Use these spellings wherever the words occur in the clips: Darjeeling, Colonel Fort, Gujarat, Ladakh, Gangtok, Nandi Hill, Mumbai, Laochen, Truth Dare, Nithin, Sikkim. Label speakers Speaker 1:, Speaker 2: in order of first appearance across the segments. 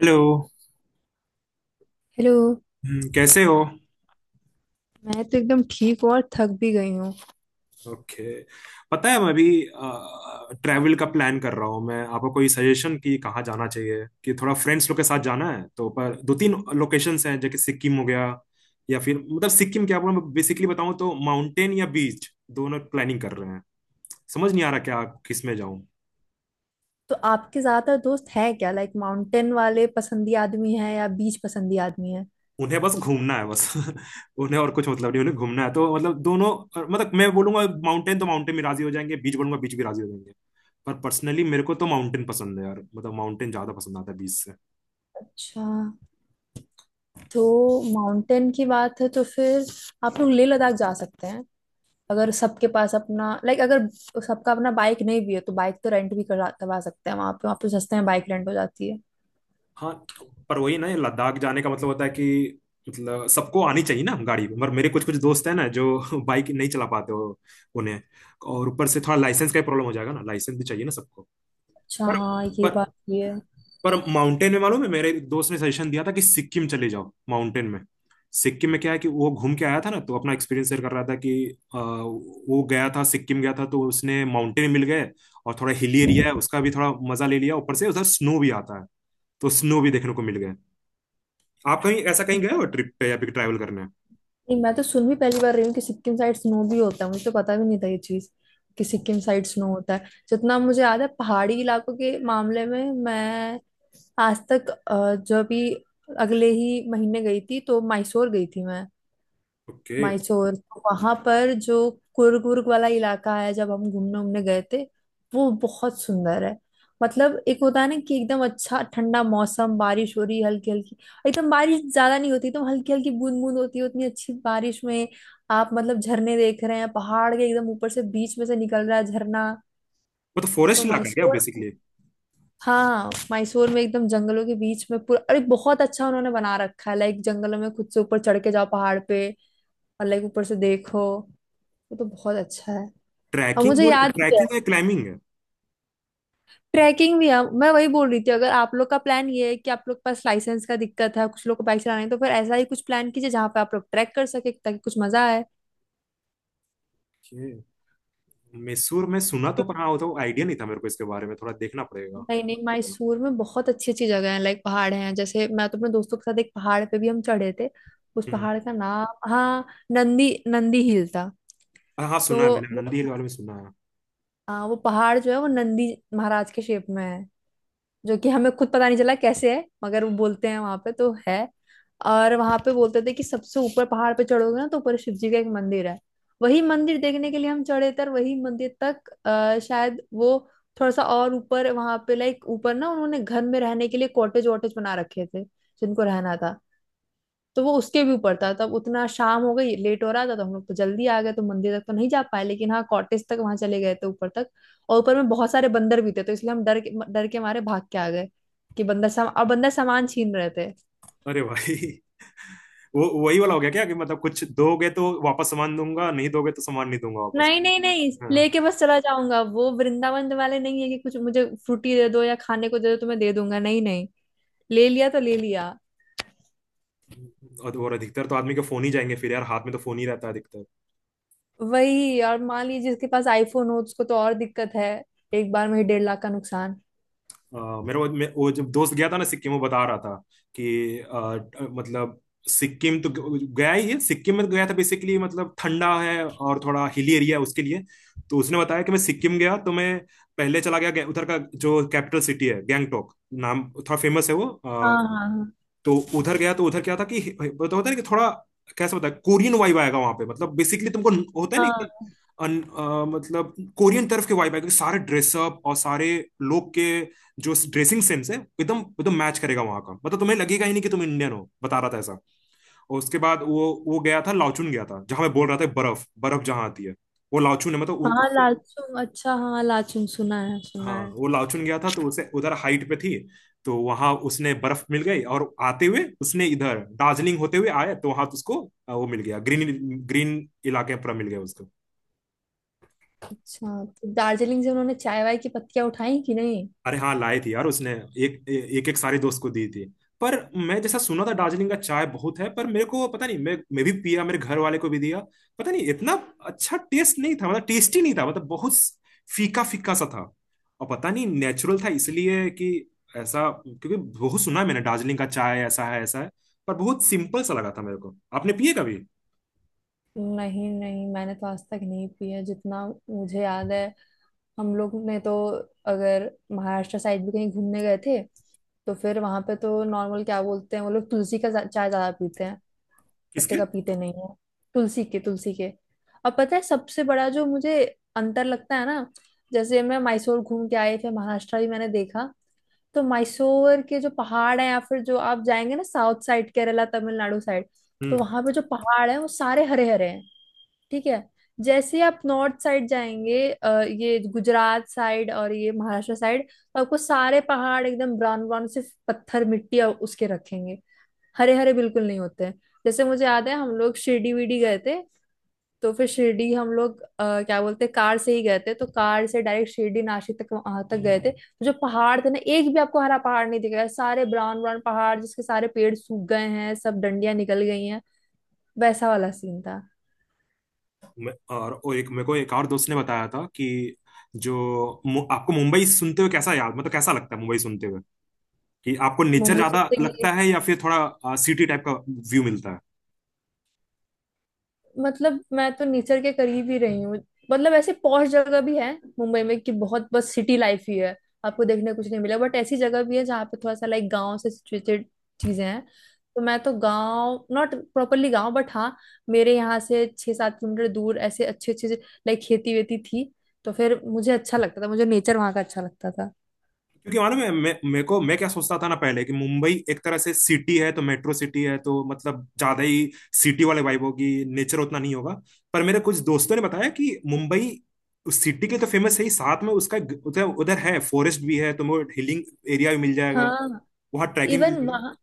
Speaker 1: Hello.
Speaker 2: Hello.
Speaker 1: कैसे हो?
Speaker 2: मैं तो एकदम ठीक हूँ और थक भी गई हूँ।
Speaker 1: ओके। पता है मैं अभी ट्रैवल का प्लान कर रहा हूँ। मैं आपको कोई सजेशन कि कहाँ जाना चाहिए कि थोड़ा फ्रेंड्स लोग के साथ जाना है तो पर दो तीन लोकेशंस हैं, जैसे सिक्किम हो गया या फिर मतलब सिक्किम क्या बोलूं, मैं बेसिकली बताऊँ तो माउंटेन या बीच, दोनों प्लानिंग कर रहे हैं। समझ नहीं आ रहा क्या किस में जाऊँ।
Speaker 2: तो आपके ज्यादातर दोस्त है क्या, लाइक माउंटेन वाले पसंदी आदमी है या बीच पसंदी आदमी है?
Speaker 1: उन्हें बस घूमना है बस उन्हें और कुछ मतलब नहीं, उन्हें घूमना है तो मतलब दोनों। मतलब मैं बोलूंगा माउंटेन तो माउंटेन भी राजी हो जाएंगे, बीच बोलूंगा बीच भी राजी हो जाएंगे। पर पर्सनली मेरे को तो माउंटेन पसंद है यार, मतलब माउंटेन ज्यादा पसंद आता है बीच से।
Speaker 2: अच्छा, तो माउंटेन की बात है तो फिर आप लोग लेह लद्दाख जा सकते हैं। अगर सबके पास अपना, लाइक, अगर सबका अपना बाइक नहीं भी है तो बाइक तो रेंट भी करा करवा सकते हैं वहाँ पे। सस्ते में बाइक रेंट हो जाती है।
Speaker 1: हाँ, पर वही ना ये लद्दाख जाने का मतलब होता है कि मतलब सबको आनी चाहिए ना गाड़ी, पर मेरे कुछ कुछ दोस्त हैं ना जो बाइक नहीं चला पाते हो उन्हें। और ऊपर से थोड़ा लाइसेंस का प्रॉब्लम हो जाएगा ना, लाइसेंस भी चाहिए ना सबको।
Speaker 2: अच्छा
Speaker 1: पर
Speaker 2: हाँ, ये
Speaker 1: पर
Speaker 2: बात भी है।
Speaker 1: पर माउंटेन में मालूम है मेरे एक दोस्त ने सजेशन दिया था कि सिक्किम चले जाओ माउंटेन में। सिक्किम में क्या है कि वो घूम के आया था ना तो अपना एक्सपीरियंस शेयर कर रहा था कि वो गया था, सिक्किम गया था तो उसने माउंटेन मिल गए और थोड़ा हिली एरिया है उसका भी थोड़ा मजा ले लिया, ऊपर से उधर स्नो भी आता है तो स्नो भी देखने को मिल गए। आप कहीं ऐसा कहीं गए हो ट्रिप पे या फिर ट्रैवल करने?
Speaker 2: नहीं, मैं तो सुन भी पहली बार रही हूँ कि सिक्किम साइड स्नो भी होता है, मुझे तो पता भी नहीं था ये चीज कि सिक्किम साइड स्नो होता है। जितना मुझे याद है पहाड़ी इलाकों के मामले में मैं आज तक जो अभी अगले ही महीने गई थी तो मैसूर गई थी मैं।
Speaker 1: ओके।
Speaker 2: मायसोर, तो वहां पर जो कुर्ग वुर्ग वाला इलाका है जब हम घूमने उमने गए थे वो बहुत सुंदर है। मतलब एक होता है ना कि एकदम अच्छा ठंडा मौसम, बारिश हो रही हल्की हल्की, एकदम बारिश ज्यादा नहीं होती, एकदम हल्की हल्की बूंद बूंद होती है उतनी अच्छी बारिश में, आप मतलब झरने देख रहे हैं पहाड़ के एकदम ऊपर से, बीच में से निकल रहा है झरना।
Speaker 1: वो तो फॉरेस्ट
Speaker 2: तो
Speaker 1: इलाका है क्या
Speaker 2: मायसोर,
Speaker 1: बेसिकली?
Speaker 2: हाँ मायसोर में एकदम जंगलों के बीच में पूरा, अरे बहुत अच्छा उन्होंने बना रखा है, लाइक जंगलों में खुद से ऊपर चढ़ के जाओ पहाड़ पे, और लाइक ऊपर से देखो, वो तो बहुत अच्छा है। और
Speaker 1: ट्रैकिंग
Speaker 2: मुझे
Speaker 1: बोल
Speaker 2: याद भी है,
Speaker 1: ट्रैकिंग है, क्लाइंबिंग है?
Speaker 2: ट्रैकिंग भी है। मैं वही बोल रही थी अगर आप लोग का प्लान ये है कि आप लोग के पास लाइसेंस का दिक्कत है कुछ लोग को बाइक चलाने, तो फिर ऐसा ही कुछ प्लान कीजिए जहाँ पे आप लोग ट्रैक कर सके ताकि कुछ मजा आए।
Speaker 1: ओके। मैसूर में सुना तो, पर हाँ वो तो आइडिया नहीं था मेरे को, इसके बारे में थोड़ा देखना पड़ेगा।
Speaker 2: नहीं नहीं, मैसूर में बहुत अच्छी अच्छी जगह है, लाइक पहाड़ हैं। जैसे मैं तो अपने दोस्तों के साथ एक पहाड़ पे भी हम चढ़े थे। उस पहाड़ का नाम, हाँ, नंदी नंदी हिल था।
Speaker 1: हाँ हाँ,
Speaker 2: तो
Speaker 1: सुना है मैंने
Speaker 2: वो-
Speaker 1: नंदी हिल वाले में सुना है।
Speaker 2: हाँ, वो पहाड़ जो है वो नंदी महाराज के शेप में है, जो कि हमें खुद पता नहीं चला कैसे है मगर वो बोलते हैं वहां पे तो है। और वहां पे बोलते थे कि सबसे ऊपर पहाड़ पे चढ़ोगे ना तो ऊपर शिव जी का एक मंदिर है। वही मंदिर देखने के लिए हम चढ़े थे, और वही मंदिर तक शायद वो थोड़ा सा और ऊपर, वहां पे लाइक ऊपर ना उन्होंने घर में रहने के लिए कॉटेज वॉटेज बना रखे थे जिनको रहना था। तो वो उसके भी ऊपर था, तब उतना शाम हो गई लेट हो रहा था तो हम लोग तो जल्दी आ गए तो मंदिर तक तो नहीं जा पाए, लेकिन हाँ कॉटेज तक वहां चले गए थे ऊपर तक। और ऊपर में बहुत सारे बंदर भी थे तो इसलिए हम डर के मारे भाग के आ गए कि बंदर सम और बंदर सामान छीन रहे थे।
Speaker 1: अरे भाई वो वही वाला हो गया क्या कि मतलब कुछ दोगे तो वापस सामान दूंगा, नहीं दोगे तो सामान नहीं दूंगा वापस?
Speaker 2: नहीं नहीं नहीं,
Speaker 1: हाँ।
Speaker 2: लेके बस चला जाऊंगा, वो वृंदावन वाले नहीं है कि कुछ मुझे फ्रूटी दे दो या खाने को दे दो तो मैं दे दूंगा, नहीं नहीं, ले लिया तो ले लिया।
Speaker 1: और तो और अधिकतर तो आदमी के फोन ही जाएंगे फिर यार, हाथ में तो फोन ही रहता है अधिकतर।
Speaker 2: वही, और मान लीजिए जिसके पास आईफोन हो उसको तो और दिक्कत है, एक बार में ही 1.5 लाख का नुकसान।
Speaker 1: मेरा वो वो जब दोस्त गया था ना सिक्किम वो बता रहा था कि मतलब सिक्किम तो गया ही है, सिक्किम में तो गया था बेसिकली, मतलब ठंडा है और थोड़ा हिली एरिया है उसके लिए। तो उसने बताया कि मैं सिक्किम गया तो मैं पहले चला गया उधर का जो कैपिटल सिटी है गैंगटोक, नाम थोड़ा फेमस है वो।
Speaker 2: हाँ हाँ।
Speaker 1: तो उधर गया तो उधर क्या था कि वो तो होता है ना कि थोड़ा कैसे बताए, कोरियन वाइब आएगा वहां पे, मतलब बेसिकली तुमको होता है ना कि
Speaker 2: हाँ
Speaker 1: मतलब कोरियन तरफ के वाइब आएगा कि सारे ड्रेसअप और सारे लोग के जो ड्रेसिंग सेंस है एकदम एकदम मैच करेगा वहां का, मतलब तुम्हें लगेगा ही नहीं कि तुम इंडियन हो, बता रहा था ऐसा। और उसके बाद वो गया था, लाओचून गया था, जहां मैं बोल रहा था बर्फ बर्फ जहां आती है वो लाओचून है,
Speaker 2: हाँ लाचुंग, अच्छा हाँ लाचुंग सुना है
Speaker 1: हाँ
Speaker 2: सुना है।
Speaker 1: वो लाओचुन गया था तो उसे उधर हाइट पे थी तो वहां उसने बर्फ मिल गई। और आते हुए उसने इधर दार्जिलिंग होते हुए आया तो वहां उसको वो मिल गया ग्रीन, ग्रीन इलाके पर मिल गया उसको।
Speaker 2: अच्छा, तो दार्जिलिंग से उन्होंने चाय वाय की पत्तियां उठाई कि नहीं?
Speaker 1: अरे हाँ लाए थे यार उसने, एक एक एक सारे दोस्त को दी थी। पर मैं जैसा सुना था दार्जिलिंग का चाय बहुत है, पर मेरे को पता नहीं, मैं भी पिया, मेरे घर वाले को भी दिया, पता नहीं इतना अच्छा टेस्ट नहीं था, मतलब टेस्टी नहीं था, मतलब बहुत फीका फीका सा था। और पता नहीं नेचुरल था इसलिए कि ऐसा, क्योंकि बहुत सुना है मैंने दार्जिलिंग का चाय ऐसा है ऐसा है, पर बहुत सिंपल सा लगा था मेरे को। आपने पिए कभी?
Speaker 2: नहीं नहीं, मैंने तो आज तक नहीं पिया जितना मुझे याद है। हम लोग ने तो अगर महाराष्ट्र साइड भी कहीं घूमने गए थे तो फिर वहां पे तो नॉर्मल क्या बोलते हैं वो लोग तुलसी का चाय ज्यादा पीते हैं, पत्ते
Speaker 1: किसके?
Speaker 2: का पीते नहीं है, तुलसी के तुलसी के। और पता है सबसे बड़ा जो मुझे अंतर लगता है ना, जैसे मैं मैसूर घूम के आई फिर महाराष्ट्र भी मैंने देखा, तो मैसूर के जो पहाड़ हैं या फिर जो आप जाएंगे ना south side, Kerala Tamil Nadu side, तो वहां पे जो पहाड़ हैं वो सारे हरे हरे हैं, ठीक है? जैसे ही आप नॉर्थ साइड जाएंगे ये गुजरात साइड और ये महाराष्ट्र साइड, तो आपको सारे पहाड़ एकदम ब्राउन ब्राउन सिर्फ पत्थर मिट्टी और उसके रखेंगे, हरे हरे बिल्कुल नहीं होते हैं। जैसे मुझे याद है हम लोग शिरडी विरडी गए थे, तो फिर शिरडी हम लोग क्या बोलते हैं, कार से ही गए थे तो कार से डायरेक्ट शिरडी नासिक तक वहां तक गए थे, तो जो पहाड़ थे ना एक भी आपको हरा पहाड़ नहीं दिखेगा, सारे ब्राउन ब्राउन पहाड़ जिसके सारे पेड़ सूख गए हैं, सब डंडियां निकल गई हैं, वैसा वाला सीन था।
Speaker 1: और वो एक मेरे को एक और दोस्त ने बताया था कि जो आपको मुंबई सुनते हुए कैसा याद, मतलब कैसा लगता है मुंबई सुनते हुए कि आपको नेचर
Speaker 2: मोमो
Speaker 1: ज्यादा लगता
Speaker 2: चिप्स।
Speaker 1: है या फिर थोड़ा सिटी टाइप का व्यू मिलता है?
Speaker 2: मतलब मैं तो नेचर के करीब ही रही हूँ। मतलब ऐसे पॉश जगह भी है मुंबई में कि बहुत बस सिटी लाइफ ही है, आपको देखने को कुछ नहीं मिला, बट ऐसी जगह भी है जहाँ पे थोड़ा सा लाइक गांव से सिचुएटेड चीजें हैं। तो मैं तो गांव, नॉट प्रॉपरली गांव बट हाँ, मेरे यहाँ से 6-7 किलोमीटर दूर ऐसे अच्छे अच्छे लाइक खेती वेती थी, तो फिर मुझे अच्छा लगता था, मुझे नेचर वहाँ का अच्छा लगता था।
Speaker 1: क्योंकि मालूम है मैं मेरे को, मैं क्या सोचता था ना पहले कि मुंबई एक तरह से सिटी है तो मेट्रो सिटी है तो मतलब ज्यादा ही सिटी वाले वाइब होगी, नेचर उतना नहीं होगा। पर मेरे कुछ दोस्तों ने बताया कि मुंबई उस सिटी के तो फेमस है ही, साथ में उसका उधर उधर है, फॉरेस्ट भी है, तुम्हें हिलिंग एरिया भी मिल जाएगा,
Speaker 2: हाँ।
Speaker 1: वहाँ ट्रैकिंग मिल
Speaker 2: इवन
Speaker 1: जाएगा।
Speaker 2: वहाँ,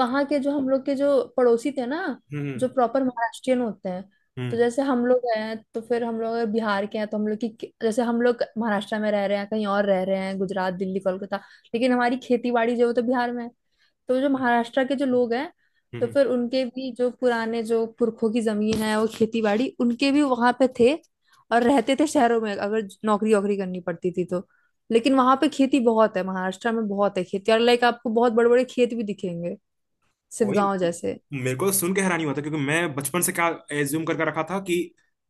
Speaker 2: वहाँ के जो हम लोग के जो पड़ोसी थे ना
Speaker 1: हम्म हम्म।
Speaker 2: जो प्रॉपर महाराष्ट्रियन होते हैं, तो
Speaker 1: हम्म
Speaker 2: जैसे हम लोग हैं तो फिर हम लोग अगर बिहार के हैं तो हम लोग की जैसे हम लोग महाराष्ट्र में रह रहे हैं कहीं और रह रहे हैं गुजरात दिल्ली कोलकाता, लेकिन हमारी खेती बाड़ी जो है वो तो बिहार में है। तो जो महाराष्ट्र के जो लोग हैं तो
Speaker 1: हम्म।
Speaker 2: फिर उनके भी जो पुराने जो पुरखों की जमीन है वो खेती बाड़ी उनके भी वहां पे थे, और रहते थे शहरों में अगर नौकरी वोकरी करनी पड़ती थी तो। लेकिन वहां पे खेती बहुत है, महाराष्ट्र में बहुत है खेती, और लाइक आपको बहुत बड़े बड़े खेत भी दिखेंगे,
Speaker 1: वही,
Speaker 2: शिवगांव जैसे।
Speaker 1: मेरे को सुन के हैरानी हुआ था क्योंकि मैं बचपन से क्या एज्यूम करके रखा था कि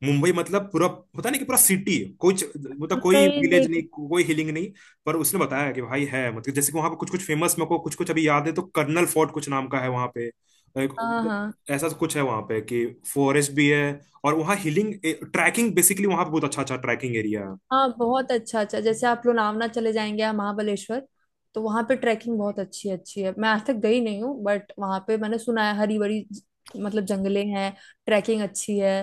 Speaker 1: मुंबई मतलब पूरा, पता नहीं कि पूरा सिटी है कुछ, मतलब कोई
Speaker 2: नहीं
Speaker 1: विलेज नहीं,
Speaker 2: नहीं।
Speaker 1: कोई हिलिंग नहीं। पर उसने बताया कि भाई है, मतलब जैसे कि वहां पे कुछ कुछ फेमस, मेरे को कुछ कुछ अभी याद है तो कर्नल फोर्ट कुछ नाम का है वहां पे,
Speaker 2: हाँ
Speaker 1: मतलब
Speaker 2: हाँ,
Speaker 1: ऐसा कुछ है वहां पे कि फॉरेस्ट भी है और वहाँ हिलिंग ट्रैकिंग, बेसिकली वहां पे बहुत अच्छा अच्छा ट्रैकिंग एरिया।
Speaker 2: हाँ बहुत अच्छा अच्छा, जैसे आप लोनावला चले जाएंगे या महाबलेश्वर, तो वहाँ पे ट्रैकिंग बहुत अच्छी अच्छी है। मैं आज तक गई नहीं हूँ बट वहाँ पे मैंने सुना है हरी भरी मतलब जंगले हैं, ट्रैकिंग अच्छी है,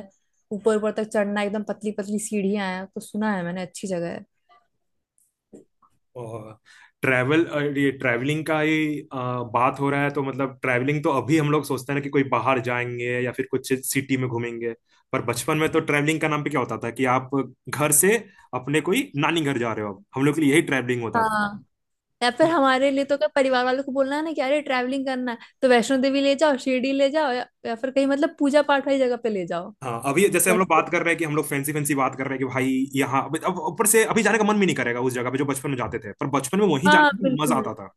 Speaker 2: ऊपर ऊपर तक चढ़ना एकदम पतली पतली सीढ़ियाँ हैं, तो सुना है मैंने अच्छी जगह है।
Speaker 1: और ट्रैवल, ये ट्रैवलिंग का ही बात हो रहा है तो मतलब ट्रैवलिंग तो अभी हम लोग सोचते हैं ना कि कोई बाहर जाएंगे या फिर कुछ सिटी में घूमेंगे। पर बचपन में तो ट्रैवलिंग का नाम पे क्या होता था कि आप घर से अपने कोई नानी घर जा रहे हो, अब हम लोग के लिए यही ट्रैवलिंग होता था।
Speaker 2: हाँ। या फिर हमारे लिए तो क्या परिवार वालों को बोलना है ना कि अरे ट्रैवलिंग करना है तो वैष्णो देवी ले जाओ शिरडी ले जाओ, या फिर कहीं मतलब पूजा पाठ वाली जगह पे ले जाओ।
Speaker 1: हाँ, अभी जैसे हम
Speaker 2: बस।
Speaker 1: लोग बात कर रहे हैं कि हम लोग फैंसी फैंसी बात कर रहे हैं कि भाई यहाँ, अब ऊपर से अभी जाने का मन भी नहीं करेगा उस जगह पे जो बचपन में जाते थे, पर बचपन में वहीं
Speaker 2: हाँ
Speaker 1: जाने में मजा
Speaker 2: बिल्कुल।
Speaker 1: आता था।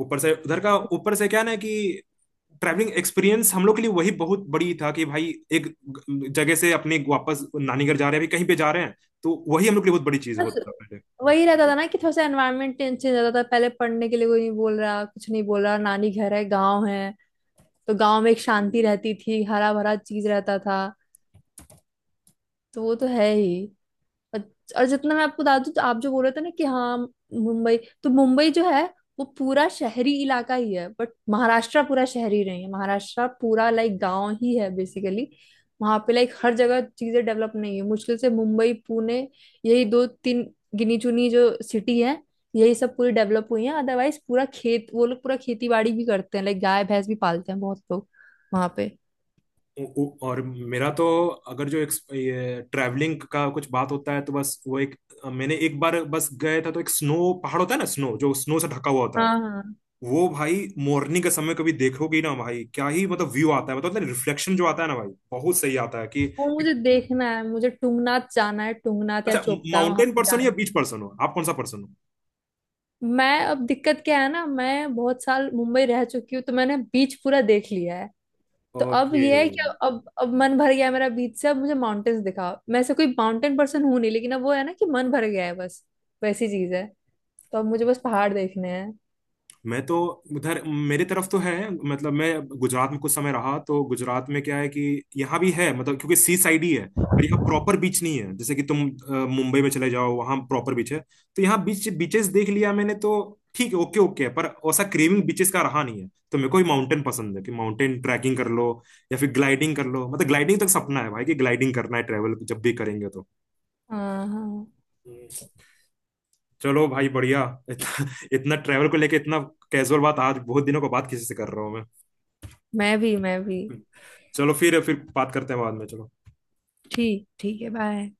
Speaker 1: ऊपर से उधर का, ऊपर से क्या ना कि ट्रैवलिंग एक्सपीरियंस हम लोग के लिए वही बहुत बड़ी था कि भाई एक जगह से अपने वापस नानी घर जा रहे हैं, अभी कहीं पे जा रहे हैं, तो वही हम लोग के लिए बहुत बड़ी चीज
Speaker 2: बस
Speaker 1: होता था पहले।
Speaker 2: वही रहता था ना कि थोड़ा सा एनवायरनमेंट चेंज रहता था, पहले पढ़ने के लिए कोई नहीं बोल रहा कुछ नहीं बोल रहा, नानी घर है गाँव है, तो गाँव में एक शांति रहती थी, हरा भरा चीज रहता था, तो वो तो है ही। और जितना मैं आपको बता दूं, तो आप जो बोल रहे थे ना कि हाँ मुंबई, तो मुंबई जो है वो पूरा शहरी इलाका ही है, बट महाराष्ट्र पूरा शहरी नहीं है, महाराष्ट्र पूरा लाइक गांव ही है बेसिकली। वहां पे लाइक हर जगह चीजें डेवलप नहीं है, मुश्किल से मुंबई पुणे, यही दो तीन गिनी चुनी जो सिटी है यही सब पूरी डेवलप हुई है, अदरवाइज पूरा खेत वो लोग पूरा खेती बाड़ी भी करते हैं, लाइक गाय भैंस भी पालते हैं बहुत लोग वहां पे।
Speaker 1: और मेरा तो अगर जो ये ट्रैवलिंग का कुछ बात होता है तो बस वो एक, मैंने एक बार बस गए था तो एक स्नो पहाड़ होता है ना, स्नो जो स्नो से ढका हुआ होता है,
Speaker 2: हाँ हाँ।
Speaker 1: वो भाई मॉर्निंग के समय कभी देखोगे ना भाई क्या ही मतलब व्यू आता है, मतलब रिफ्लेक्शन जो आता है ना भाई बहुत सही आता है कि।
Speaker 2: वो मुझे देखना है, मुझे टुंगनाथ जाना है, टुंगनाथ या
Speaker 1: अच्छा,
Speaker 2: चोपटा वहां
Speaker 1: माउंटेन
Speaker 2: पे
Speaker 1: पर्सन
Speaker 2: जाना
Speaker 1: या
Speaker 2: है।
Speaker 1: बीच पर्सन हो आप? कौन सा पर्सन
Speaker 2: मैं, अब दिक्कत क्या है ना, मैं बहुत साल मुंबई रह चुकी हूँ तो मैंने बीच पूरा देख लिया है।
Speaker 1: हो?
Speaker 2: तो अब
Speaker 1: ओके।
Speaker 2: ये है कि अब मन भर गया है मेरा बीच से, अब मुझे माउंटेन्स दिखाओ। मैं से कोई माउंटेन पर्सन हूं नहीं, लेकिन अब वो है ना कि मन भर गया है बस, वैसी चीज है। तो अब मुझे बस पहाड़ देखने हैं।
Speaker 1: मैं तो उधर मेरे तरफ तो है, मतलब मैं गुजरात में कुछ समय रहा तो गुजरात में क्या है कि यहाँ भी है, मतलब क्योंकि सी साइड ही है, पर यहाँ प्रॉपर बीच नहीं है जैसे कि तुम मुंबई में चले जाओ वहाँ प्रॉपर बीच है। तो यहाँ बीच बीचेस देख लिया मैंने तो, ठीक है ओके ओके है, पर वैसा क्रेविंग बीचेस का रहा नहीं है तो मेरे को ही माउंटेन पसंद है कि माउंटेन ट्रैकिंग कर लो या फिर ग्लाइडिंग कर लो, मतलब ग्लाइडिंग तक सपना है भाई कि ग्लाइडिंग करना है ट्रेवल जब भी करेंगे
Speaker 2: हाँ हाँ।
Speaker 1: तो। चलो भाई बढ़िया। इतना, इतना ट्रैवल को लेके इतना कैजुअल बात आज बहुत दिनों के बाद किसी से कर रहा हूँ मैं।
Speaker 2: मैं भी मैं भी।
Speaker 1: चलो, फिर बात करते हैं बाद में, चलो।
Speaker 2: ठीक, ठीक है, बाय।